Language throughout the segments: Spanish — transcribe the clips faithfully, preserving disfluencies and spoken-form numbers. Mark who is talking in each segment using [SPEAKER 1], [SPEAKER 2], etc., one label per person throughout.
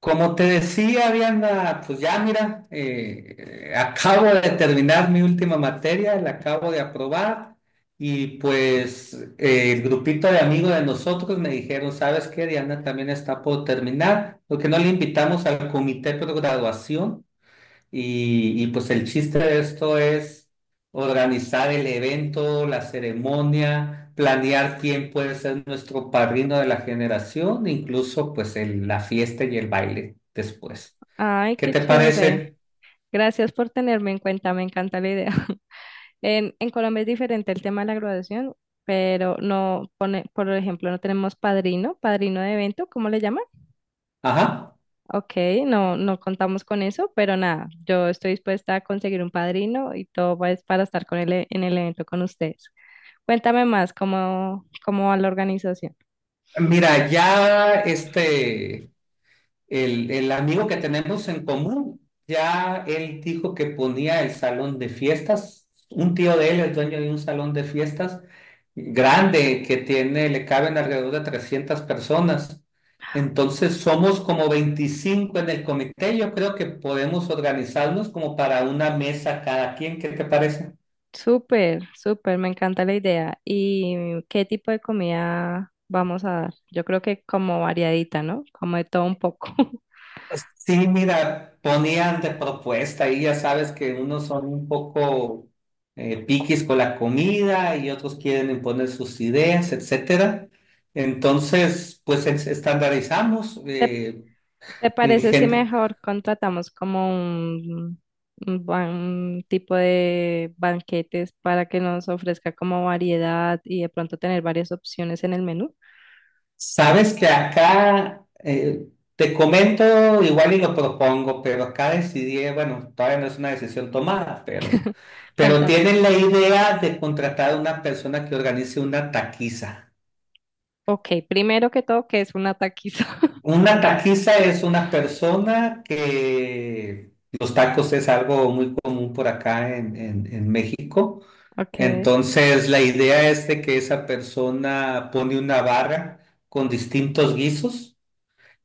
[SPEAKER 1] Como te decía, Ariana, pues ya mira, eh, acabo de terminar mi última materia, la acabo de aprobar y pues eh, el grupito de amigos de nosotros me dijeron, ¿sabes qué? Diana también está por terminar, porque no le invitamos al comité de graduación y, y pues el chiste de esto es organizar el evento, la ceremonia, planear quién puede ser nuestro padrino de la generación, incluso pues el- la fiesta y el baile después.
[SPEAKER 2] Ay,
[SPEAKER 1] ¿Qué
[SPEAKER 2] qué
[SPEAKER 1] te
[SPEAKER 2] chévere.
[SPEAKER 1] parece?
[SPEAKER 2] Gracias por tenerme en cuenta, me encanta la idea. En, en Colombia es diferente el tema de la graduación, pero no pone, por ejemplo, no tenemos padrino, padrino de evento, ¿cómo le llaman?
[SPEAKER 1] Ajá.
[SPEAKER 2] Ok, no, no contamos con eso, pero nada, yo estoy dispuesta a conseguir un padrino y todo pues para estar con él en el evento con ustedes. Cuéntame más, ¿cómo, cómo va la organización?
[SPEAKER 1] Mira, ya este... el, el amigo que tenemos en común, ya él dijo que ponía el salón de fiestas. Un tío de él es dueño de un salón de fiestas grande que tiene, le caben alrededor de trescientas personas. Entonces somos como veinticinco en el comité. Yo creo que podemos organizarnos como para una mesa cada quien. ¿Qué te parece?
[SPEAKER 2] Súper, súper, me encanta la idea. ¿Y mm, qué tipo de comida vamos a dar? Yo creo que como variadita, ¿no? Como de todo un poco.
[SPEAKER 1] Sí, mira, ponían de propuesta y ya sabes que unos son un poco eh, piquis con la comida y otros quieren imponer sus ideas, etcétera. Entonces, pues es- estandarizamos
[SPEAKER 2] ¿Te,
[SPEAKER 1] eh,
[SPEAKER 2] te
[SPEAKER 1] en
[SPEAKER 2] parece si
[SPEAKER 1] gente.
[SPEAKER 2] mejor contratamos como un, un ban- un tipo de banquetes para que nos ofrezca como variedad y de pronto tener varias opciones en el menú?
[SPEAKER 1] Sabes que acá eh, te comento igual y lo propongo, pero acá decidí, bueno, todavía no es una decisión tomada, pero, pero,
[SPEAKER 2] Cuéntame.
[SPEAKER 1] tienen la idea de contratar a una persona que organice una taquiza.
[SPEAKER 2] Ok, primero que todo, ¿que es una taquiza?
[SPEAKER 1] Una taquiza es una persona que los tacos es algo muy común por acá en, en- en México.
[SPEAKER 2] Ok.
[SPEAKER 1] Entonces, la idea es de que esa persona pone una barra con distintos guisos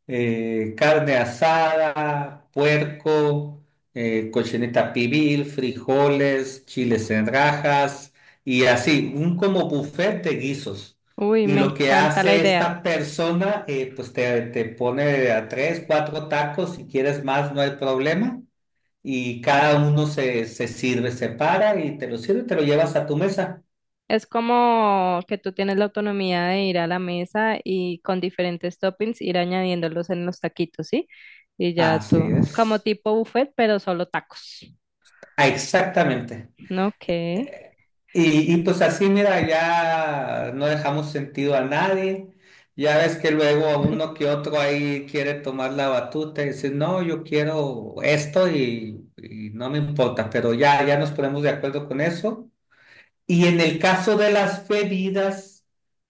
[SPEAKER 1] eh, carne asada, puerco, eh, cochinita pibil, frijoles, chiles en rajas y así, un como buffet de guisos.
[SPEAKER 2] Uy,
[SPEAKER 1] Y
[SPEAKER 2] me
[SPEAKER 1] lo que
[SPEAKER 2] encanta la
[SPEAKER 1] hace
[SPEAKER 2] idea.
[SPEAKER 1] esta persona, eh, pues te, te pone a tres, cuatro tacos, si quieres más no hay problema. Y cada uno se, se sirve, se para y te lo sirve, y te lo llevas a tu mesa.
[SPEAKER 2] Es como que tú tienes la autonomía de ir a la mesa y con diferentes toppings ir añadiéndolos en los taquitos, ¿sí? Y ya
[SPEAKER 1] Así
[SPEAKER 2] tú, como
[SPEAKER 1] es.
[SPEAKER 2] tipo buffet, pero solo tacos.
[SPEAKER 1] Ah, exactamente.
[SPEAKER 2] No, que,
[SPEAKER 1] Eh, Y, y pues así, mira, ya no dejamos sentido a nadie. Ya ves que luego uno que otro ahí quiere tomar la batuta y decir, no, yo quiero esto y, y no me importa, pero ya, ya nos ponemos de acuerdo con eso. Y en el caso de las bebidas,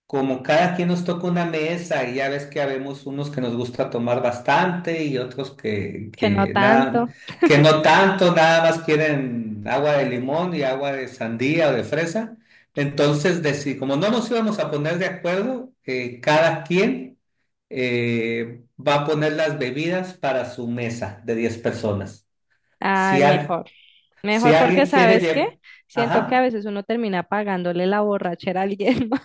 [SPEAKER 1] como cada quien nos toca una mesa y ya ves que habemos unos que nos gusta tomar bastante y otros que,
[SPEAKER 2] que no
[SPEAKER 1] que nada,
[SPEAKER 2] tanto.
[SPEAKER 1] que no tanto, nada más quieren agua de limón y agua de sandía o de fresa. Entonces, deci- como no nos íbamos a poner de acuerdo, eh, cada quien eh, va a poner las bebidas para su mesa de diez personas.
[SPEAKER 2] Ay,
[SPEAKER 1] Si, al-
[SPEAKER 2] mejor.
[SPEAKER 1] si
[SPEAKER 2] Mejor porque,
[SPEAKER 1] alguien quiere
[SPEAKER 2] ¿sabes qué?
[SPEAKER 1] llevar...
[SPEAKER 2] Siento que
[SPEAKER 1] Ajá.
[SPEAKER 2] a veces uno termina pagándole la borrachera a alguien más,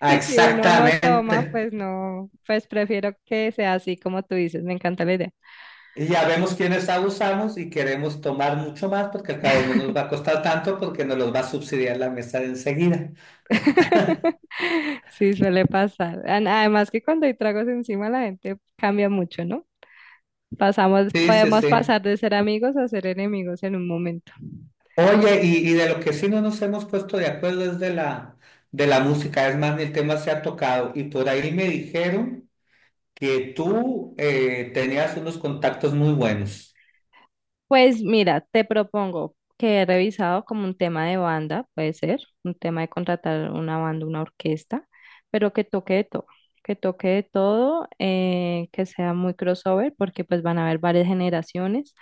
[SPEAKER 1] Ah,
[SPEAKER 2] y si uno no toma,
[SPEAKER 1] exactamente.
[SPEAKER 2] pues no, pues prefiero que sea así como tú dices, me encanta la idea.
[SPEAKER 1] Y ya vemos quiénes abusamos y queremos tomar mucho más porque al cabo no nos va a costar tanto porque nos los va a subsidiar la mesa de enseguida.
[SPEAKER 2] Sí, suele pasar. An- Además, que cuando hay tragos encima la gente cambia mucho, ¿no? Pasamos,
[SPEAKER 1] Sí, sí,
[SPEAKER 2] podemos
[SPEAKER 1] sí.
[SPEAKER 2] pasar de ser amigos a ser enemigos en un momento.
[SPEAKER 1] Oye, y, y de lo que sí no nos hemos puesto de acuerdo es de la, de la música. Es más, ni el tema se ha tocado. Y por ahí me dijeron que tú eh, tenías unos contactos muy buenos.
[SPEAKER 2] Pues mira, te propongo que he revisado como un tema de banda, puede ser, un tema de contratar una banda, una orquesta, pero que toque de todo, que toque de todo, eh, que sea muy crossover, porque pues van a haber varias generaciones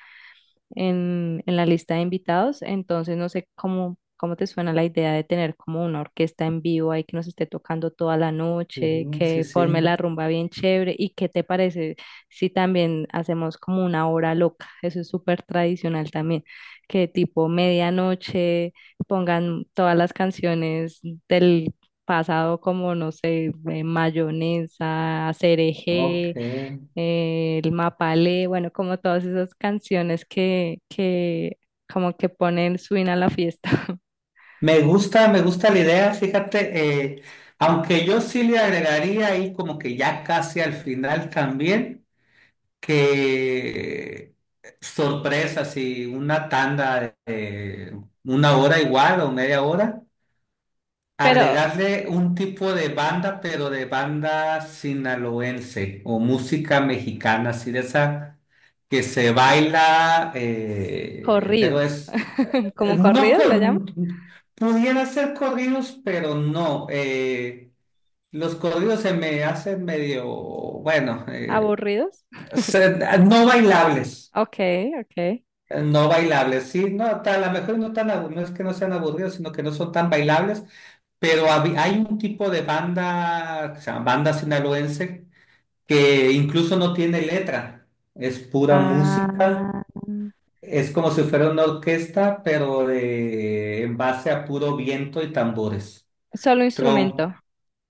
[SPEAKER 2] en, en la lista de invitados, entonces no sé cómo, cómo te suena la idea de tener como una orquesta en vivo ahí que nos esté tocando toda la
[SPEAKER 1] Sí,
[SPEAKER 2] noche,
[SPEAKER 1] sí,
[SPEAKER 2] que forme
[SPEAKER 1] sí.
[SPEAKER 2] la rumba bien chévere, ¿y qué te parece? Sí, también hacemos como una hora loca, eso es súper tradicional también, que tipo medianoche pongan todas las canciones del pasado como, no sé, eh, Mayonesa,
[SPEAKER 1] Ok.
[SPEAKER 2] Cereje, eh, El Mapalé, bueno, como todas esas canciones que, que como que ponen swing a la fiesta.
[SPEAKER 1] Me gusta, me gusta la idea, fíjate, eh, aunque yo sí le agregaría ahí como que ya casi al final también, que sorpresa, si una tanda de una hora igual o media hora,
[SPEAKER 2] ¿Pero
[SPEAKER 1] agregarle un tipo de banda, pero de banda sinaloense o música mexicana, así de esa que se baila, eh, pero
[SPEAKER 2] corridos,
[SPEAKER 1] es, eh,
[SPEAKER 2] como
[SPEAKER 1] no
[SPEAKER 2] corridos le llaman?
[SPEAKER 1] con, pudiera ser corridos, pero no. Eh, los corridos se me hacen medio, bueno, eh,
[SPEAKER 2] ¿Aburridos?
[SPEAKER 1] se- no bailables
[SPEAKER 2] Ok, ok.
[SPEAKER 1] eh, No bailables, sí, no, ta- a lo mejor no tan, abu- no es que no sean aburridos, sino que no son tan bailables, pero hab- hay un tipo de banda, que se llama banda sinaloense, que incluso no tiene letra, es pura música,
[SPEAKER 2] Ah.
[SPEAKER 1] es como si fuera una orquesta, pero de- en base a puro viento y tambores
[SPEAKER 2] Solo instrumento.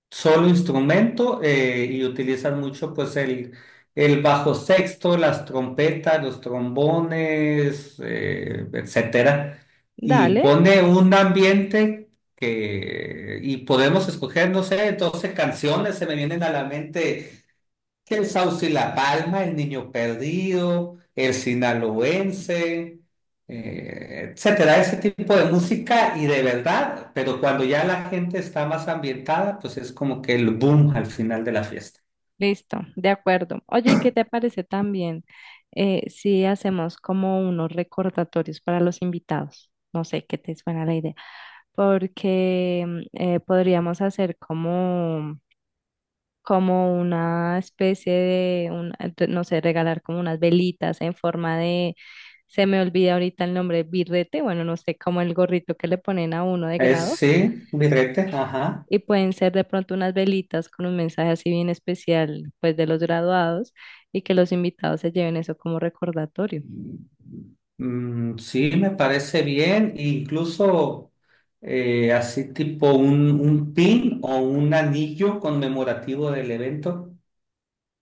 [SPEAKER 1] solo instrumento eh, y utilizan mucho pues el, el bajo sexto, las trompetas, los trombones, eh, etcétera. Y
[SPEAKER 2] Dale,
[SPEAKER 1] pone un ambiente que, y podemos escoger, no sé, doce canciones, se me vienen a la mente el Sauce y La Palma, El Niño Perdido, El Sinaloense, eh, etcétera, ese tipo de música y de verdad, pero cuando ya la gente está más ambientada, pues es como que el boom al final de la fiesta.
[SPEAKER 2] listo, de acuerdo. Oye, ¿y qué te parece también eh, si hacemos como unos recordatorios para los invitados? No sé qué te suena la idea, porque mm, eh, podríamos hacer como, como una especie de, un- de- no sé, regalar como unas velitas en forma de, se me olvida ahorita el nombre, birrete, bueno, no sé, como el gorrito que le ponen a uno de
[SPEAKER 1] Es,
[SPEAKER 2] grado.
[SPEAKER 1] sí, birrete, ajá.
[SPEAKER 2] Y pueden ser de pronto unas velitas con un mensaje así bien especial, pues de los graduados, y que los invitados se lleven eso como recordatorio.
[SPEAKER 1] Mm, sí, me parece bien, incluso eh, así tipo un, un, pin o un anillo conmemorativo del evento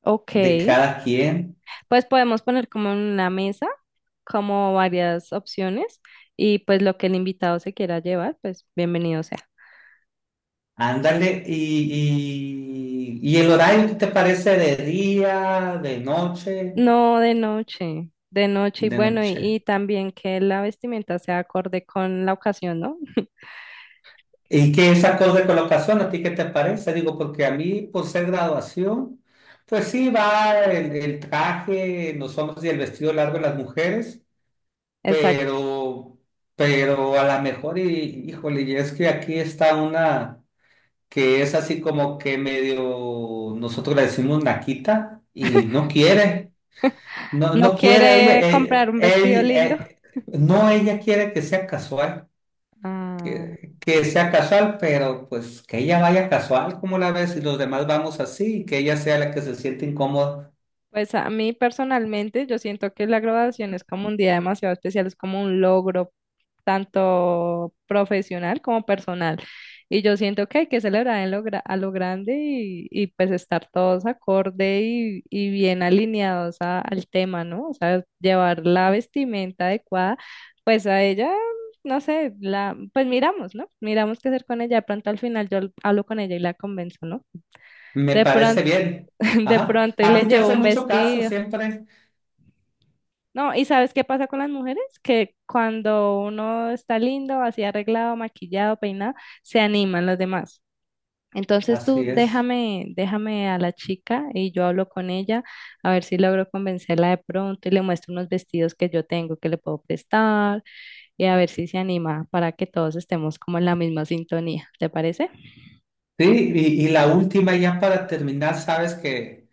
[SPEAKER 2] Ok,
[SPEAKER 1] de cada quien.
[SPEAKER 2] pues podemos poner como en una mesa, como varias opciones, y pues lo que el invitado se quiera llevar, pues bienvenido sea.
[SPEAKER 1] Ándale, y, y, y el horario qué te parece de día, de noche,
[SPEAKER 2] No, de noche, de noche. Y
[SPEAKER 1] de
[SPEAKER 2] bueno, y,
[SPEAKER 1] noche.
[SPEAKER 2] y también que la vestimenta sea acorde con la ocasión, ¿no?
[SPEAKER 1] ¿Y qué es acorde de colocación? ¿A ti qué te parece? Digo, porque a mí, por ser graduación, pues sí va el, el traje en los hombres y el vestido largo en las mujeres,
[SPEAKER 2] Exacto.
[SPEAKER 1] pero, pero a lo mejor, y, híjole, y es que aquí está una que es así como que medio, nosotros le decimos naquita y no quiere. No,
[SPEAKER 2] No
[SPEAKER 1] no quiere ella,
[SPEAKER 2] quiere comprar
[SPEAKER 1] eh,
[SPEAKER 2] un vestido
[SPEAKER 1] él,
[SPEAKER 2] lindo.
[SPEAKER 1] eh, no ella quiere que sea casual,
[SPEAKER 2] Ah.
[SPEAKER 1] que, que sea casual, pero pues que ella vaya casual, como la ves, y los demás vamos así, y que ella sea la que se siente incómoda,
[SPEAKER 2] Pues a mí personalmente yo siento que la graduación es como un día demasiado especial, es como un logro tanto profesional como personal. Y yo siento que hay que celebrar en lo gra- a lo grande, y, y pues estar todos acorde y, y bien alineados a- al tema, ¿no? O sea, llevar la vestimenta adecuada, pues a ella, no sé, la, pues miramos, ¿no? Miramos qué hacer con ella. De pronto al final yo hablo con ella y la convenzo, ¿no?
[SPEAKER 1] me
[SPEAKER 2] De pronto,
[SPEAKER 1] parece bien.
[SPEAKER 2] de
[SPEAKER 1] Ajá.
[SPEAKER 2] pronto y
[SPEAKER 1] A
[SPEAKER 2] le
[SPEAKER 1] ti te
[SPEAKER 2] llevo
[SPEAKER 1] hace
[SPEAKER 2] un
[SPEAKER 1] mucho caso
[SPEAKER 2] vestido.
[SPEAKER 1] siempre.
[SPEAKER 2] No, ¿y sabes qué pasa con las mujeres? Que cuando uno está lindo, así arreglado, maquillado, peinado, se animan los demás. Entonces tú
[SPEAKER 1] Así es.
[SPEAKER 2] déjame, déjame a la chica y yo hablo con ella a ver si logro convencerla de pronto y le muestro unos vestidos que yo tengo que le puedo prestar, y a ver si se anima para que todos estemos como en la misma sintonía. ¿Te parece?
[SPEAKER 1] Sí, y, y la última ya para terminar, sabes que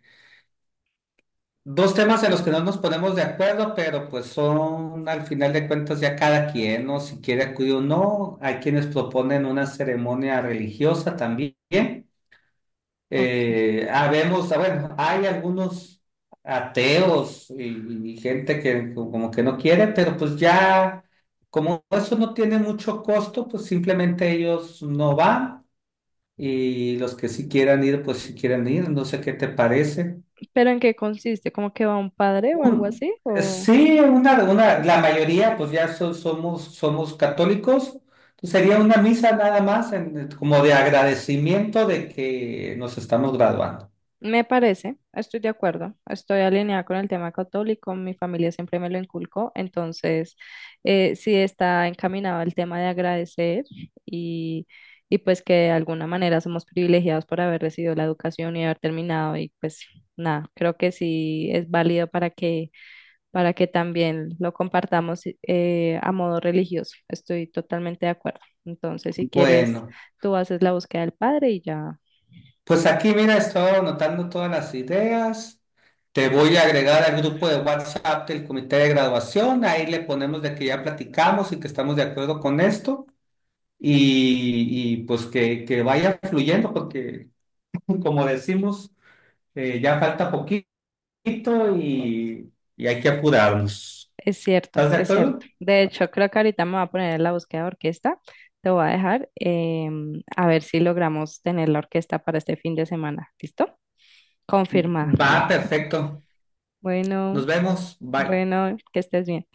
[SPEAKER 1] dos temas en los que no nos ponemos de acuerdo, pero pues son al final de cuentas ya cada quien, ¿no? Si quiere acudir o no. Hay quienes proponen una ceremonia religiosa también.
[SPEAKER 2] Ok.
[SPEAKER 1] Eh, habemos, bueno, hay algunos ateos y, y gente que como que no quiere, pero pues ya, como eso no tiene mucho costo, pues simplemente ellos no van y los que sí quieran ir, pues sí quieren ir. No sé qué te parece.
[SPEAKER 2] ¿Pero en qué consiste? ¿Como que va un padre o algo
[SPEAKER 1] Un-
[SPEAKER 2] así? ¿O?
[SPEAKER 1] sí, una, una, la mayoría, pues ya so- somos, somos católicos. Entonces, sería una misa nada más, en- como de agradecimiento de que nos estamos graduando.
[SPEAKER 2] Me parece, estoy de acuerdo, estoy alineada con el tema católico, mi familia siempre me lo inculcó, entonces eh, sí está encaminado al tema de agradecer, y, y pues que de alguna manera somos privilegiados por haber recibido la educación y haber terminado, y pues nada, creo que sí es válido para que, para que también lo compartamos eh, a modo religioso, estoy totalmente de acuerdo. Entonces, si quieres,
[SPEAKER 1] Bueno,
[SPEAKER 2] tú haces la búsqueda del padre y ya.
[SPEAKER 1] pues aquí, mira, estoy anotando todas las ideas. Te voy a agregar al grupo de WhatsApp del comité de graduación. Ahí le ponemos de que ya platicamos y que estamos de acuerdo con esto. Y, y, pues que, que vaya fluyendo, porque como decimos, eh, ya falta poquito. poquito y, y hay que apurarnos.
[SPEAKER 2] Es cierto,
[SPEAKER 1] ¿Estás de
[SPEAKER 2] es
[SPEAKER 1] acuerdo?
[SPEAKER 2] cierto. De hecho, creo que ahorita me voy a poner en la búsqueda de orquesta. Te voy a dejar em, a ver si logramos tener la orquesta para este fin de semana. ¿Listo? Confirmada.
[SPEAKER 1] Va, perfecto. Nos
[SPEAKER 2] Bueno,
[SPEAKER 1] vemos. Bye.
[SPEAKER 2] bueno, que estés bien.